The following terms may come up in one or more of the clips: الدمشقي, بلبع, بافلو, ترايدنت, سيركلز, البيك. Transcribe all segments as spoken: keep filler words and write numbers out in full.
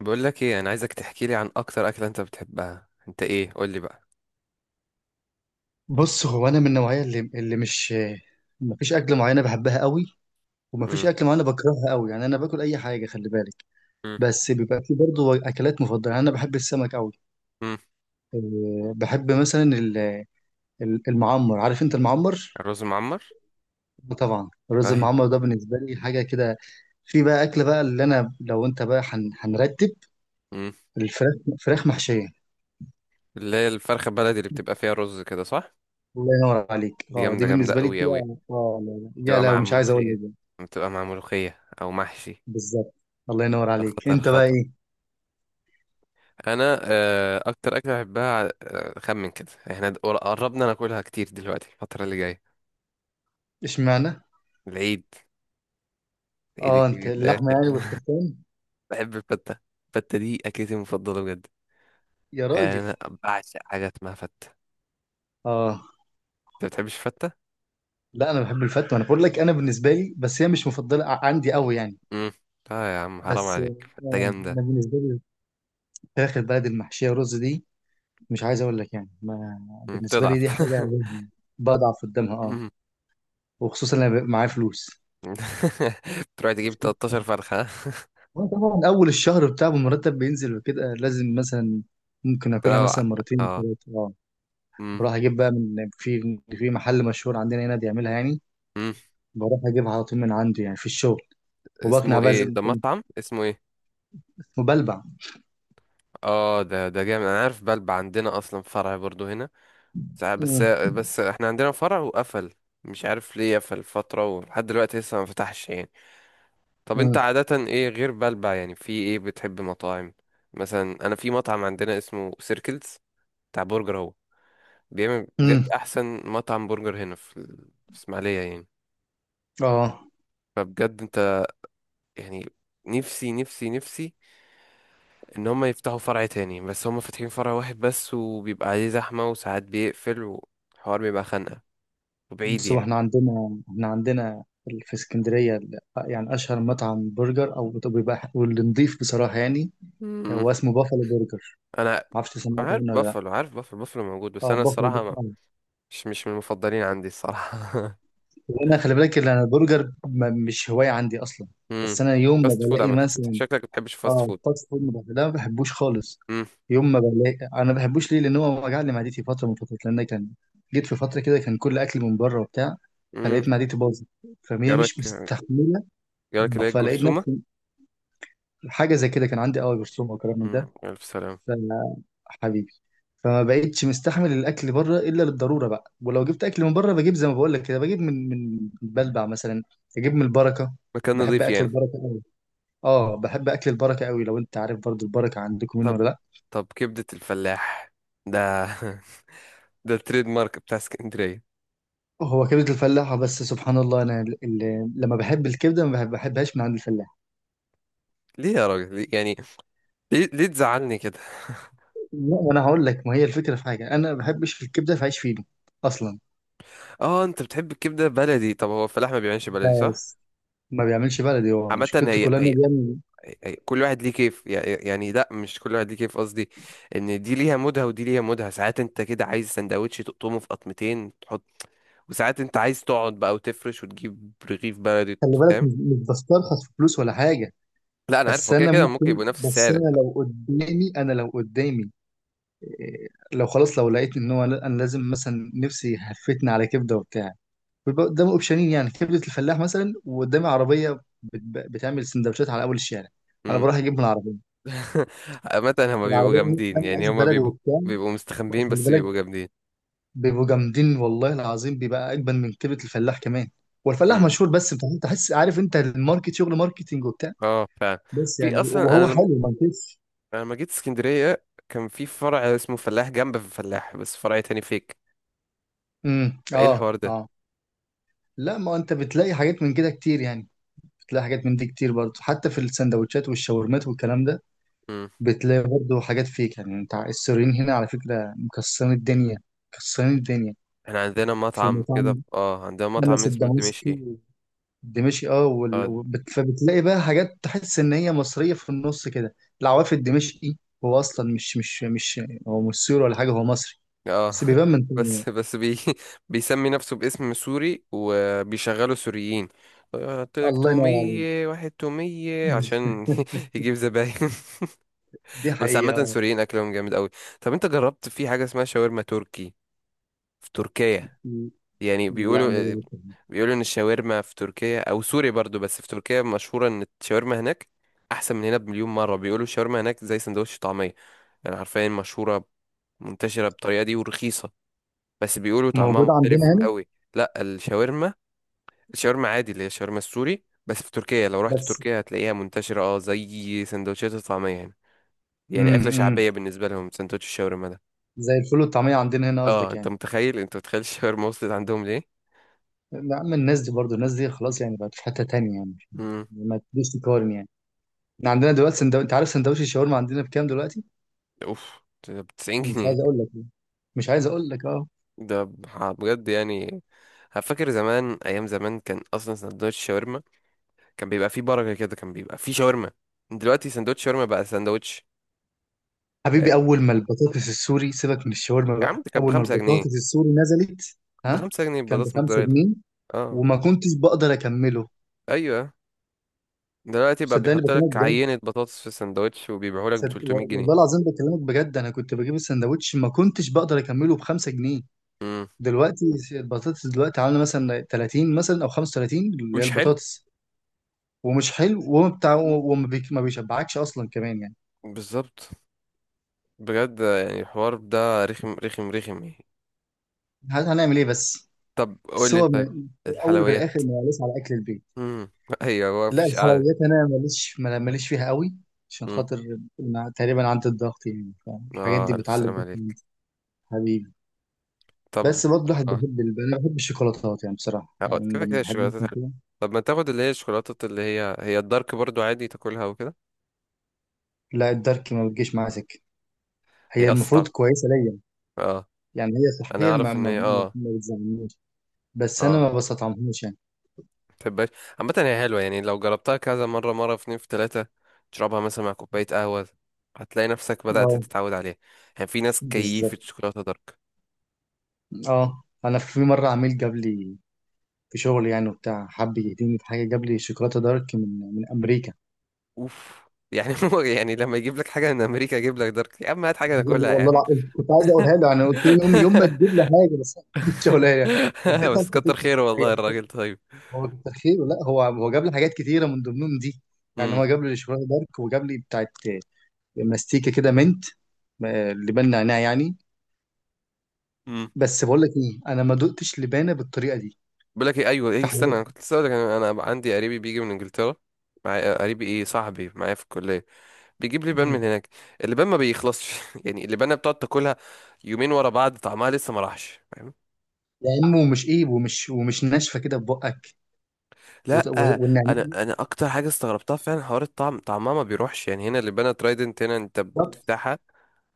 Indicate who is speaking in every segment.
Speaker 1: بقول لك ايه، انا عايزك تحكي لي عن اكتر اكله انت بتحبها، انت ايه؟ قول لي بقى.
Speaker 2: بص هو انا من النوعيه اللي اللي مش مفيش اكل معينه بحبها قوي، ومفيش
Speaker 1: امم.
Speaker 2: اكل معينه بكرهها قوي. يعني انا باكل اي حاجه، خلي بالك.
Speaker 1: امم.
Speaker 2: بس بيبقى في برضه اكلات مفضله. يعني انا بحب السمك قوي.
Speaker 1: امم.
Speaker 2: أه، بحب مثلا ال- ال- المعمر. عارف انت المعمر؟
Speaker 1: الرز المعمر.
Speaker 2: طبعا الرز
Speaker 1: ايوه.
Speaker 2: المعمر ده بالنسبه لي حاجه كده. في بقى اكله بقى اللي انا، لو انت بقى هن- هنرتب،
Speaker 1: امم.
Speaker 2: الفراخ، فراخ محشيه.
Speaker 1: اللي هي الفرخه البلدي اللي بتبقى فيها رز كده، صح؟
Speaker 2: الله ينور عليك،
Speaker 1: دي
Speaker 2: اه دي
Speaker 1: جامده جامده
Speaker 2: بالنسبه لي
Speaker 1: قوي قوي.
Speaker 2: كده. اه لا لا، يا
Speaker 1: بتبقى
Speaker 2: لو
Speaker 1: مع
Speaker 2: مش عايز اقول
Speaker 1: ملوخيه.
Speaker 2: لك.
Speaker 1: بتبقى مع ملوخيه او محشي.
Speaker 2: بالظبط. الله ينور
Speaker 1: ده
Speaker 2: عليك،
Speaker 1: خطر
Speaker 2: انت بقى
Speaker 1: خطر.
Speaker 2: ايه؟
Speaker 1: انا آه، اكتر اكله بحبها، آه، خمن كده احنا د- قربنا ناكلها كتير دلوقتي، الفتره اللي جايه.
Speaker 2: اشمعنى؟
Speaker 1: العيد. العيد
Speaker 2: اه انت
Speaker 1: الكبير داخل.
Speaker 2: اللحمه يعني والتفتان.
Speaker 1: بحب الفته. الفته دي اكلتي المفضله بجد.
Speaker 2: يا
Speaker 1: يعني
Speaker 2: راجل.
Speaker 1: انا. بعشق حاجه اسمها فته.
Speaker 2: اه،
Speaker 1: انت بتحبش الفتة؟
Speaker 2: لا انا بحب الفتة، انا بقول لك، انا بالنسبه لي بس هي مش مفضله ع- عندي قوي يعني.
Speaker 1: امم. اه يا عم، حرام
Speaker 2: بس يعني،
Speaker 1: عليك، فتة
Speaker 2: انا
Speaker 1: جامدة.
Speaker 2: بالنسبه لي فراخ البلد المحشيه رز دي، مش عايز اقول لك يعني. ما
Speaker 1: مم،
Speaker 2: بالنسبه لي
Speaker 1: بتضعف.
Speaker 2: دي حاجه بضعف قدامها اه.
Speaker 1: مم.
Speaker 2: وخصوصا لما بيبقى معايا فلوس.
Speaker 1: بتروح تجيب تلتاشر فرخة، ها؟
Speaker 2: وانا طبعا اول الشهر بتاع المرتب بينزل وكده، لازم مثلا ممكن اكلها
Speaker 1: تروح.
Speaker 2: مثلا مرتين
Speaker 1: اه.
Speaker 2: ثلاثه اه.
Speaker 1: مم.
Speaker 2: بروح اجيب بقى من في في محل مشهور عندنا هنا بيعملها يعني.
Speaker 1: مم.
Speaker 2: بروح اجيبها على طول من عنده، يعني في الشغل. وبقنع
Speaker 1: اسمه
Speaker 2: بقى زي
Speaker 1: ايه
Speaker 2: ما
Speaker 1: ده؟
Speaker 2: كنت
Speaker 1: مطعم اسمه ايه؟
Speaker 2: وبلبع.
Speaker 1: اه ده ده جامد، انا عارف بلبع، عندنا اصلا فرع برضو هنا. ساعة- بس.
Speaker 2: مم.
Speaker 1: بس احنا عندنا فرع وقفل. مش عارف ليه قفل فترة ولحد دلوقتي لسه ما فتحش يعني. طب انت
Speaker 2: مم.
Speaker 1: عادة ايه غير بلبع؟ يعني في ايه بتحب مطاعم؟ مثلا انا في مطعم عندنا اسمه سيركلز. بتاع برجر هو. بيعمل
Speaker 2: مم.
Speaker 1: بجد احسن مطعم برجر هنا في ال- في اسماعيليه يعني.
Speaker 2: اه.
Speaker 1: فبجد انت. يعني. نفسي نفسي نفسي. ان هم يفتحوا فرع تاني، بس هم فاتحين فرع واحد بس وبيبقى عليه زحمه وساعات بيقفل، والحوار بيبقى خانقه. وبعيد
Speaker 2: بص هو
Speaker 1: يعني.
Speaker 2: احنا عندنا احنا عندنا في اسكندرية ال- يعني أشهر مطعم برجر أو بيبقى واللي نضيف بصراحة، يعني
Speaker 1: مم.
Speaker 2: هو اسمه بافلو برجر.
Speaker 1: انا
Speaker 2: معرفش سمعت
Speaker 1: انا
Speaker 2: عنه
Speaker 1: عارف
Speaker 2: ولا لأ.
Speaker 1: بافلو، عارف بافلو، بافلو موجود، بس
Speaker 2: اه
Speaker 1: انا
Speaker 2: بافلو
Speaker 1: الصراحه ما
Speaker 2: آه.
Speaker 1: مش مش من المفضلين عندي الصراحه.
Speaker 2: وأنا خلي بالك إن أنا البرجر ما- مش هواية عندي أصلا.
Speaker 1: امم.
Speaker 2: بس أنا يوم ما
Speaker 1: فاست فود
Speaker 2: بلاقي
Speaker 1: عامه، انت بت-
Speaker 2: مثلا.
Speaker 1: شكلك ما بتحبش فاست
Speaker 2: اه
Speaker 1: فود.
Speaker 2: الفاست فود ما بح- لا ما بحبوش خالص.
Speaker 1: امم.
Speaker 2: يوم ما بلاقي، انا ما بحبوش ليه؟ لان هو وجع لي معدتي فتره من فترات. لان كان جيت في فتره كده كان كل اكل من بره وبتاع،
Speaker 1: امم.
Speaker 2: فلقيت معدتي باظت، فهي
Speaker 1: جالك.
Speaker 2: مش مستحمله.
Speaker 1: جالك
Speaker 2: مم.
Speaker 1: اللي هي
Speaker 2: فلقيت
Speaker 1: الجرثومه.
Speaker 2: نفسي حاجه زي كده، كان عندي قوي برسوم او كلام من
Speaker 1: امم
Speaker 2: ده.
Speaker 1: الف سلامه.
Speaker 2: ف- حبيبي. فما بقتش مستحمل الاكل بره الا للضروره بقى. ولو جبت اكل من بره بجيب زي ما بقول لك كده، بجيب من من بلبع مثلا، اجيب من البركه.
Speaker 1: مكان
Speaker 2: بحب
Speaker 1: نظيف
Speaker 2: اكل
Speaker 1: يعني.
Speaker 2: البركه قوي. اه بحب اكل البركه قوي. لو انت عارف برضو البركه عندكم منه
Speaker 1: طب.
Speaker 2: ولا لا.
Speaker 1: طب كبدة الفلاح. ده. ده التريد مارك بتاع اسكندرية.
Speaker 2: هو كبدة الفلاح، بس سبحان الله أنا ال- ال- لما بحب الكبدة ما بحب- بحبهاش من عند الفلاح.
Speaker 1: ليه يا راجل؟ ليه- يعني. ليه, ليه تزعلني كده.
Speaker 2: لا وأنا هقول لك، ما هي الفكرة في حاجة، أنا ما بحبش الكبدة في عيش فينو أصلا.
Speaker 1: اه انت بتحب الكبدة بلدي، طب هو الفلاح ما بيعملش بلدي، صح؟
Speaker 2: بس ما بيعملش بلدي، هو
Speaker 1: عامة
Speaker 2: مشكلته
Speaker 1: هي,
Speaker 2: كلها
Speaker 1: هي,
Speaker 2: إنه بيعمل.
Speaker 1: هي كل واحد ليه كيف يع- يعني، لا مش كل واحد ليه كيف، قصدي. ان دي ليها مودها ودي ليها مودها، ساعات انت كده عايز سندوتش تقطمه في قطمتين تحط. وساعات انت عايز تقعد بقى وتفرش وتجيب رغيف بلدي،
Speaker 2: خلي بالك،
Speaker 1: فاهم؟
Speaker 2: مش مش بسترخص في فلوس ولا حاجة.
Speaker 1: لا انا عارف،
Speaker 2: بس
Speaker 1: هو كده
Speaker 2: أنا
Speaker 1: كده ممكن
Speaker 2: ممكن،
Speaker 1: يبقوا نفس
Speaker 2: بس
Speaker 1: السعر،
Speaker 2: أنا
Speaker 1: انت.
Speaker 2: لو قدامي أنا لو قدامي إيه، لو خلاص لو لقيت إن هو لا- أنا لازم مثلا نفسي هفتني على كبدة وبتاع، بيبقى قدامي اوبشنين. يعني كبده الفلاح مثلا، وقدامي عربيه بت- بتعمل سندوتشات على اول الشارع، انا
Speaker 1: إمم.
Speaker 2: بروح اجيب من العربيه.
Speaker 1: عامة هما بيبقوا
Speaker 2: العربيه دي
Speaker 1: جامدين،
Speaker 2: بتعمل
Speaker 1: يعني
Speaker 2: عيش
Speaker 1: هما
Speaker 2: بلدي
Speaker 1: بيبقوا.
Speaker 2: وبتاع.
Speaker 1: بيبقوا مستخبيين
Speaker 2: خلي
Speaker 1: بس
Speaker 2: بالك،
Speaker 1: بيبقوا جامدين.
Speaker 2: بيبقوا جامدين والله العظيم، بيبقى اجمل من كبده الفلاح كمان. والفلاح
Speaker 1: امم.
Speaker 2: مشهور بس بتحس تحس- عارف انت الماركت، شغل ماركتينج وبتاع.
Speaker 1: اه فعلا.
Speaker 2: بس
Speaker 1: في
Speaker 2: يعني،
Speaker 1: اصلا انا
Speaker 2: وهو
Speaker 1: لما.
Speaker 2: حلو ما انكرش.
Speaker 1: أنا لما جيت اسكندرية كان في فرع اسمه فلاح، جنب في فلاح، بس فرع تاني فيك.
Speaker 2: امم
Speaker 1: فايه
Speaker 2: اه
Speaker 1: الحوار ده؟
Speaker 2: اه. لا ما انت بتلاقي حاجات من كده كتير يعني. بتلاقي حاجات من دي كتير برضه، حتى في السندوتشات والشاورمات والكلام ده.
Speaker 1: امم.
Speaker 2: بتلاقي برضه حاجات فيك. يعني انت السوريين هنا على فكرة مكسرين الدنيا، مكسرين الدنيا.
Speaker 1: احنا عندنا
Speaker 2: في
Speaker 1: مطعم كده،
Speaker 2: مطعم
Speaker 1: اه عندنا مطعم
Speaker 2: أنس
Speaker 1: اسمه الدمشقي.
Speaker 2: الدمشقي، الدمشقي اه. وال...
Speaker 1: اه د-
Speaker 2: وبت- فبتلاقي بقى حاجات تحس إن هي مصرية في النص كده. العواف الدمشقي هو أصلا مش مش مش هو مش سوري ولا حاجة، هو مصري.
Speaker 1: اه.
Speaker 2: بس بيبان من تاني.
Speaker 1: بس بس بي بيسمي نفسه باسم سوري وبيشغلوا سوريين. قلت لك
Speaker 2: الله ينور عليك.
Speaker 1: تومية، واحد تومية عشان يجيب زباين.
Speaker 2: دي
Speaker 1: بس عامة
Speaker 2: حقيقة.
Speaker 1: سوريين أكلهم جامد أوي. طب أنت جربت في حاجة اسمها شاورما تركي؟ في تركيا. يعني
Speaker 2: لا
Speaker 1: بيقولوا. بيقولوا إن الشاورما في تركيا أو سوريا برضو، بس في تركيا مشهورة إن الشاورما هناك. أحسن من هنا بمليون مرة. بيقولوا الشاورما هناك زي سندوتش طعمية. يعني حرفيا مشهورة. منتشرة بالطريقة دي ورخيصة. بس بيقولوا طعمها
Speaker 2: موجود عندنا
Speaker 1: مختلف
Speaker 2: هنا
Speaker 1: أوي. لا الشاورما. الشاورما عادي، اللي هي الشاورما السوري، بس في تركيا لو رحت
Speaker 2: بس.
Speaker 1: تركيا هتلاقيها منتشرة، اه زي سندوتشات الطعمية هنا. يعني
Speaker 2: امم
Speaker 1: أكلة
Speaker 2: أمم.
Speaker 1: شعبية بالنسبة لهم سندوتش الشاورما ده.
Speaker 2: زي الفول والطعمية عندنا هنا
Speaker 1: اه
Speaker 2: قصدك
Speaker 1: انت
Speaker 2: يعني.
Speaker 1: متخيل، انت متخيل الشاورما وصلت عندهم ليه؟
Speaker 2: يا عم الناس دي برضو، الناس دي خلاص يعني بقت في حتة تانية يعني
Speaker 1: امم.
Speaker 2: يعني ما تقدرش تقارن يعني. احنا عندنا دلوقتي سندو... انت عارف سندوتش الشاورما عندنا بكام دلوقتي؟
Speaker 1: اوف. ده ب 90
Speaker 2: مش
Speaker 1: جنيه
Speaker 2: عايز اقول لك يعني. مش عايز اقول لك اه.
Speaker 1: ده ب- بجد يعني. فاكر زمان، ايام زمان كان اصلا سندوتش شاورما. كان بيبقى فيه بركه كده، كان بيبقى فيه شاورما. دلوقتي سندوتش شاورما بقى سندوتش. فاهم؟
Speaker 2: حبيبي، اول ما البطاطس السوري، سيبك من الشاورما
Speaker 1: يا عم،
Speaker 2: بقى،
Speaker 1: ده كان
Speaker 2: اول ما
Speaker 1: بخمسة جنيه.
Speaker 2: البطاطس السوري نزلت. ها
Speaker 1: بخمسة جنيه
Speaker 2: كان ب
Speaker 1: بطاطس
Speaker 2: 5
Speaker 1: متضربة.
Speaker 2: جنيه
Speaker 1: اه.
Speaker 2: وما كنتش بقدر اكمله.
Speaker 1: ايوه. دلوقتي بقى
Speaker 2: صدقني
Speaker 1: بيحط
Speaker 2: بكلمك
Speaker 1: لك
Speaker 2: بجد.
Speaker 1: عينه بطاطس في السندوتش وبيبيعه لك ب
Speaker 2: صد...
Speaker 1: 300
Speaker 2: و-
Speaker 1: جنيه
Speaker 2: والله العظيم بكلمك بجد، انا كنت بجيب السندوتش ما كنتش بقدر اكمله ب خمسة جنيه.
Speaker 1: امم.
Speaker 2: دلوقتي البطاطس دلوقتي عامله مثلا تلاتين مثلا او خمسة وتلاتين اللي هي
Speaker 1: ومش حلو.
Speaker 2: البطاطس. ومش حلو وما بتاع
Speaker 1: مم.
Speaker 2: وما بيك- ما بيشبعكش اصلا كمان يعني.
Speaker 1: بالظبط. بجد يعني الحوار ده رخم رخم رخم يعني.
Speaker 2: ه- هنعمل ايه بس؟
Speaker 1: طب قول
Speaker 2: بس
Speaker 1: لي
Speaker 2: هو
Speaker 1: طيب.
Speaker 2: م- في الاول وفي
Speaker 1: الحلويات.
Speaker 2: الاخر ماليش على اكل البيت.
Speaker 1: امم. ايوه. هو
Speaker 2: لا
Speaker 1: مفيش قعده.
Speaker 2: الحلويات انا ماليش ما- ماليش فيها قوي، عشان
Speaker 1: امم.
Speaker 2: خاطر أنا تقريبا عندي الضغط يعني، فالحاجات دي
Speaker 1: اه الف
Speaker 2: بتعلي
Speaker 1: سلام
Speaker 2: الضغط من.
Speaker 1: عليك.
Speaker 2: حبيبي.
Speaker 1: طب.
Speaker 2: بس برضه الواحد
Speaker 1: اه،
Speaker 2: بيحب ال- انا بحب الشوكولاتات يعني بصراحه،
Speaker 1: هو
Speaker 2: يعني
Speaker 1: كده
Speaker 2: لما
Speaker 1: كده
Speaker 2: بحب
Speaker 1: الشوكولاتات
Speaker 2: مثلا
Speaker 1: حلوة.
Speaker 2: كده.
Speaker 1: طب ما تاخد اللي هي الشوكولاتة، اللي هي هي الدارك برضو عادي تاكلها وكده.
Speaker 2: لا الدارك ما بتجيش معايا سكه،
Speaker 1: هي
Speaker 2: هي
Speaker 1: اصلا طعم.
Speaker 2: المفروض كويسه ليا.
Speaker 1: اه.
Speaker 2: يعني هي
Speaker 1: انا
Speaker 2: صحيا ما
Speaker 1: اعرف ان
Speaker 2: ما,
Speaker 1: هي،
Speaker 2: ما
Speaker 1: اه.
Speaker 2: ما بتزعلنيش، بس انا
Speaker 1: اه.
Speaker 2: ما بستطعمهاش يعني.
Speaker 1: متحبهاش. عامة هي حلوة، يعني لو جربتها كذا مرة مرة في اتنين في تلاتة. تشربها مثلا مع كوباية قهوة. هتلاقي نفسك بدأت
Speaker 2: اه
Speaker 1: تتعود عليها. يعني في ناس كيفة
Speaker 2: بالظبط.
Speaker 1: شوكولاتة دارك.
Speaker 2: اه انا في مره عميل جاب لي في شغل، يعني وبتاع حب يهديني في حاجه، جاب لي شوكولاته دارك من من امريكا.
Speaker 1: اوف. يعني، هو يعني لما يجيب لك حاجه من امريكا يجيب لك دارك؟ يا عم هات حاجه
Speaker 2: جاب لي،
Speaker 1: ناكلها يا
Speaker 2: والله
Speaker 1: عم.
Speaker 2: العظيم كنت عايز اقولها له، يعني قلت له يوم، يوم ما تجيب لي حاجه بس ما كنتش هقولها يعني. اديتها
Speaker 1: بس
Speaker 2: لخطيبتي
Speaker 1: كتر خيره
Speaker 2: وبتاع، هي
Speaker 1: والله،
Speaker 2: بس-
Speaker 1: الراجل طيب.
Speaker 2: هو تخيل. لا هو هو جاب لي حاجات كتيره من ضمنهم دي. يعني
Speaker 1: امم.
Speaker 2: هو جاب لي شوكولاته دارك وجاب لي بتاعت ماستيكه كده، منت آه، لبان نعناع يعني.
Speaker 1: امم.
Speaker 2: بس بقول لك ايه، انا ما دقتش لبانه بالطريقه دي
Speaker 1: بقول لك ايه، ايوه ايه
Speaker 2: في
Speaker 1: استنى، انا
Speaker 2: حياتي.
Speaker 1: كنت لسه هقول لك، انا أنا عندي قريبي بيجي من انجلترا. معايا قريبي، ايه صاحبي معايا في الكليه. بيجيب لي بان من هناك. اللبان ما بيخلصش. يعني اللبانه بتقعد تاكلها. يومين ورا بعض طعمها لسه ما راحش، فاهم؟
Speaker 2: يا عم ومش ايه، ومش ومش ناشفه كده في بقك؟ وت-
Speaker 1: لا.
Speaker 2: و- والنعناع.
Speaker 1: انا انا اكتر حاجه استغربتها فعلا حوار الطعم، طعمها ما بيروحش يعني، هنا اللبانه ترايدنت هنا انت
Speaker 2: بالظبط.
Speaker 1: بتفتحها.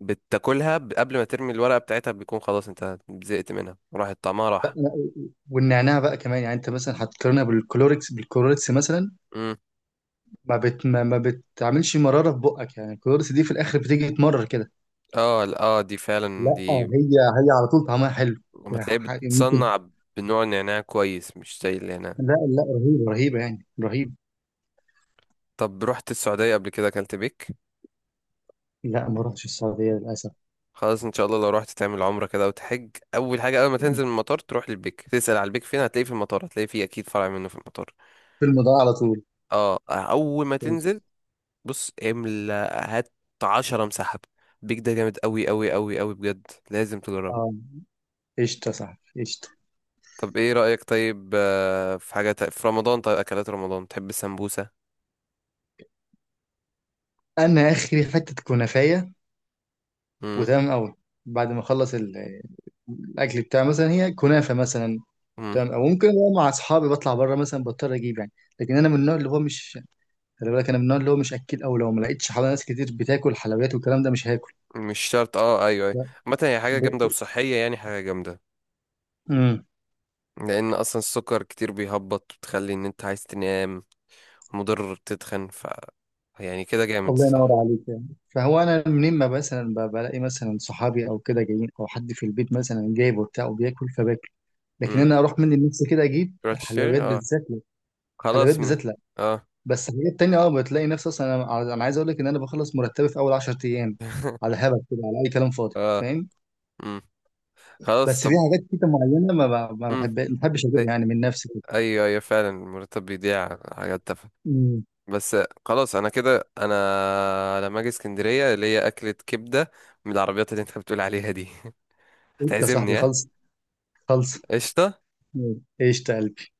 Speaker 1: بتاكلها ب- قبل ما ترمي الورقة بتاعتها بيكون خلاص، انت زهقت منها راح طعمها راح.
Speaker 2: والنعناع بقى كمان، يعني انت مثلا هتقارنها بالكلوركس، بالكلوركس مثلا
Speaker 1: امم.
Speaker 2: ما بت ما, ما بتعملش مراره في بقك. يعني الكلوركس دي في الاخر بتيجي تمرر كده.
Speaker 1: اه ال- اه دي فعلا
Speaker 2: لا
Speaker 1: دي.
Speaker 2: هي، هي على طول طعمها حلو.
Speaker 1: لما
Speaker 2: يعني
Speaker 1: تلاقيه
Speaker 2: ح- ح- ممكن.
Speaker 1: بتصنع. بنوع نعناع كويس، مش زي النعناع.
Speaker 2: لا لا رهيبه رهيبه يعني رهيب.
Speaker 1: طب رحت السعودية قبل كده، اكلت بيك؟
Speaker 2: لا ما رحتش السعوديه للاسف.
Speaker 1: خلاص، ان شاء الله لو رحت تعمل عمرة كده وتحج، اول حاجة اول ما تنزل من المطار تروح للبيك، تسأل على البيك فين، هتلاقيه في المطار، هتلاقيه فيه اكيد فرع منه في المطار.
Speaker 2: الفيلم ده على طول.
Speaker 1: اه اول ما
Speaker 2: كويس.
Speaker 1: تنزل. بص، املا. هات. عشرة مسحب. بيك ده جامد قوي قوي قوي قوي بجد، لازم تجربه.
Speaker 2: اه قشطه، صح قشطه.
Speaker 1: طب ايه رأيك طيب، آه، في حاجة تا- في رمضان، طيب اكلات رمضان، تحب السمبوسة؟
Speaker 2: انا اخري حته كنافيه،
Speaker 1: امم.
Speaker 2: وتمام قوي. بعد ما اخلص ال- الاكل بتاعي مثلا، هي كنافه مثلا،
Speaker 1: امم.
Speaker 2: تمام. او ممكن هو مع اصحابي بطلع بره مثلا، بضطر اجيب يعني. لكن انا من النوع اللي هو مش، خلي بالك انا من النوع اللي هو مش اكل. او لو ما لقيتش حوالي ناس كتير بتاكل حلويات والكلام ده، مش هاكل.
Speaker 1: مش شرط، اه ايوه ايوه.
Speaker 2: لا،
Speaker 1: عامة هي حاجة
Speaker 2: ب...
Speaker 1: جامدة
Speaker 2: ب-
Speaker 1: وصحية، يعني حاجة جامدة.
Speaker 2: امم.
Speaker 1: لان اصلا السكر كتير بيهبط، بتخلي ان انت عايز تنام. مضر بتتخن، ف. يعني كده جامد،
Speaker 2: الله ينور
Speaker 1: صح؟
Speaker 2: عليك يعني. فهو انا منين ما مثلا ب- بلاقي مثلا صحابي او كده جايين، او حد في البيت مثلا جايب وبتاع وبياكل، فباكل. لكن
Speaker 1: امم.
Speaker 2: انا اروح مني لنفسي كده اجيب
Speaker 1: تروح تشتري،
Speaker 2: الحلويات
Speaker 1: اه.
Speaker 2: بالذات، لا. الحلويات
Speaker 1: خلاص م...
Speaker 2: بالذات لا.
Speaker 1: اه.
Speaker 2: بس الحاجات التانية اه بتلاقي نفسي، اصلا انا، انا عايز اقول لك ان انا بخلص مرتبي في اول عشرة ايام، على هبل كده، على اي كلام فاضي
Speaker 1: اه.
Speaker 2: فاهم.
Speaker 1: امم. خلاص،
Speaker 2: بس في
Speaker 1: طب.
Speaker 2: حاجات كده معينه ما ب- ما
Speaker 1: امم.
Speaker 2: بحب ما بحبش اجيبها
Speaker 1: ايوه
Speaker 2: يعني من نفسي كده.
Speaker 1: ايوه أيوة، فعلا المرتب بيضيع على حاجات.
Speaker 2: امم.
Speaker 1: بس. خلاص انا كده انا لما اجي اسكندريه اللي هي اكله كبده. من العربيات اللي انت بتقول عليها دي.
Speaker 2: قشطة يا صاحبي،
Speaker 1: هتعزمني، ها؟
Speaker 2: خلص خلص.
Speaker 1: قشطه.
Speaker 2: مم. قشطة يا قلبي.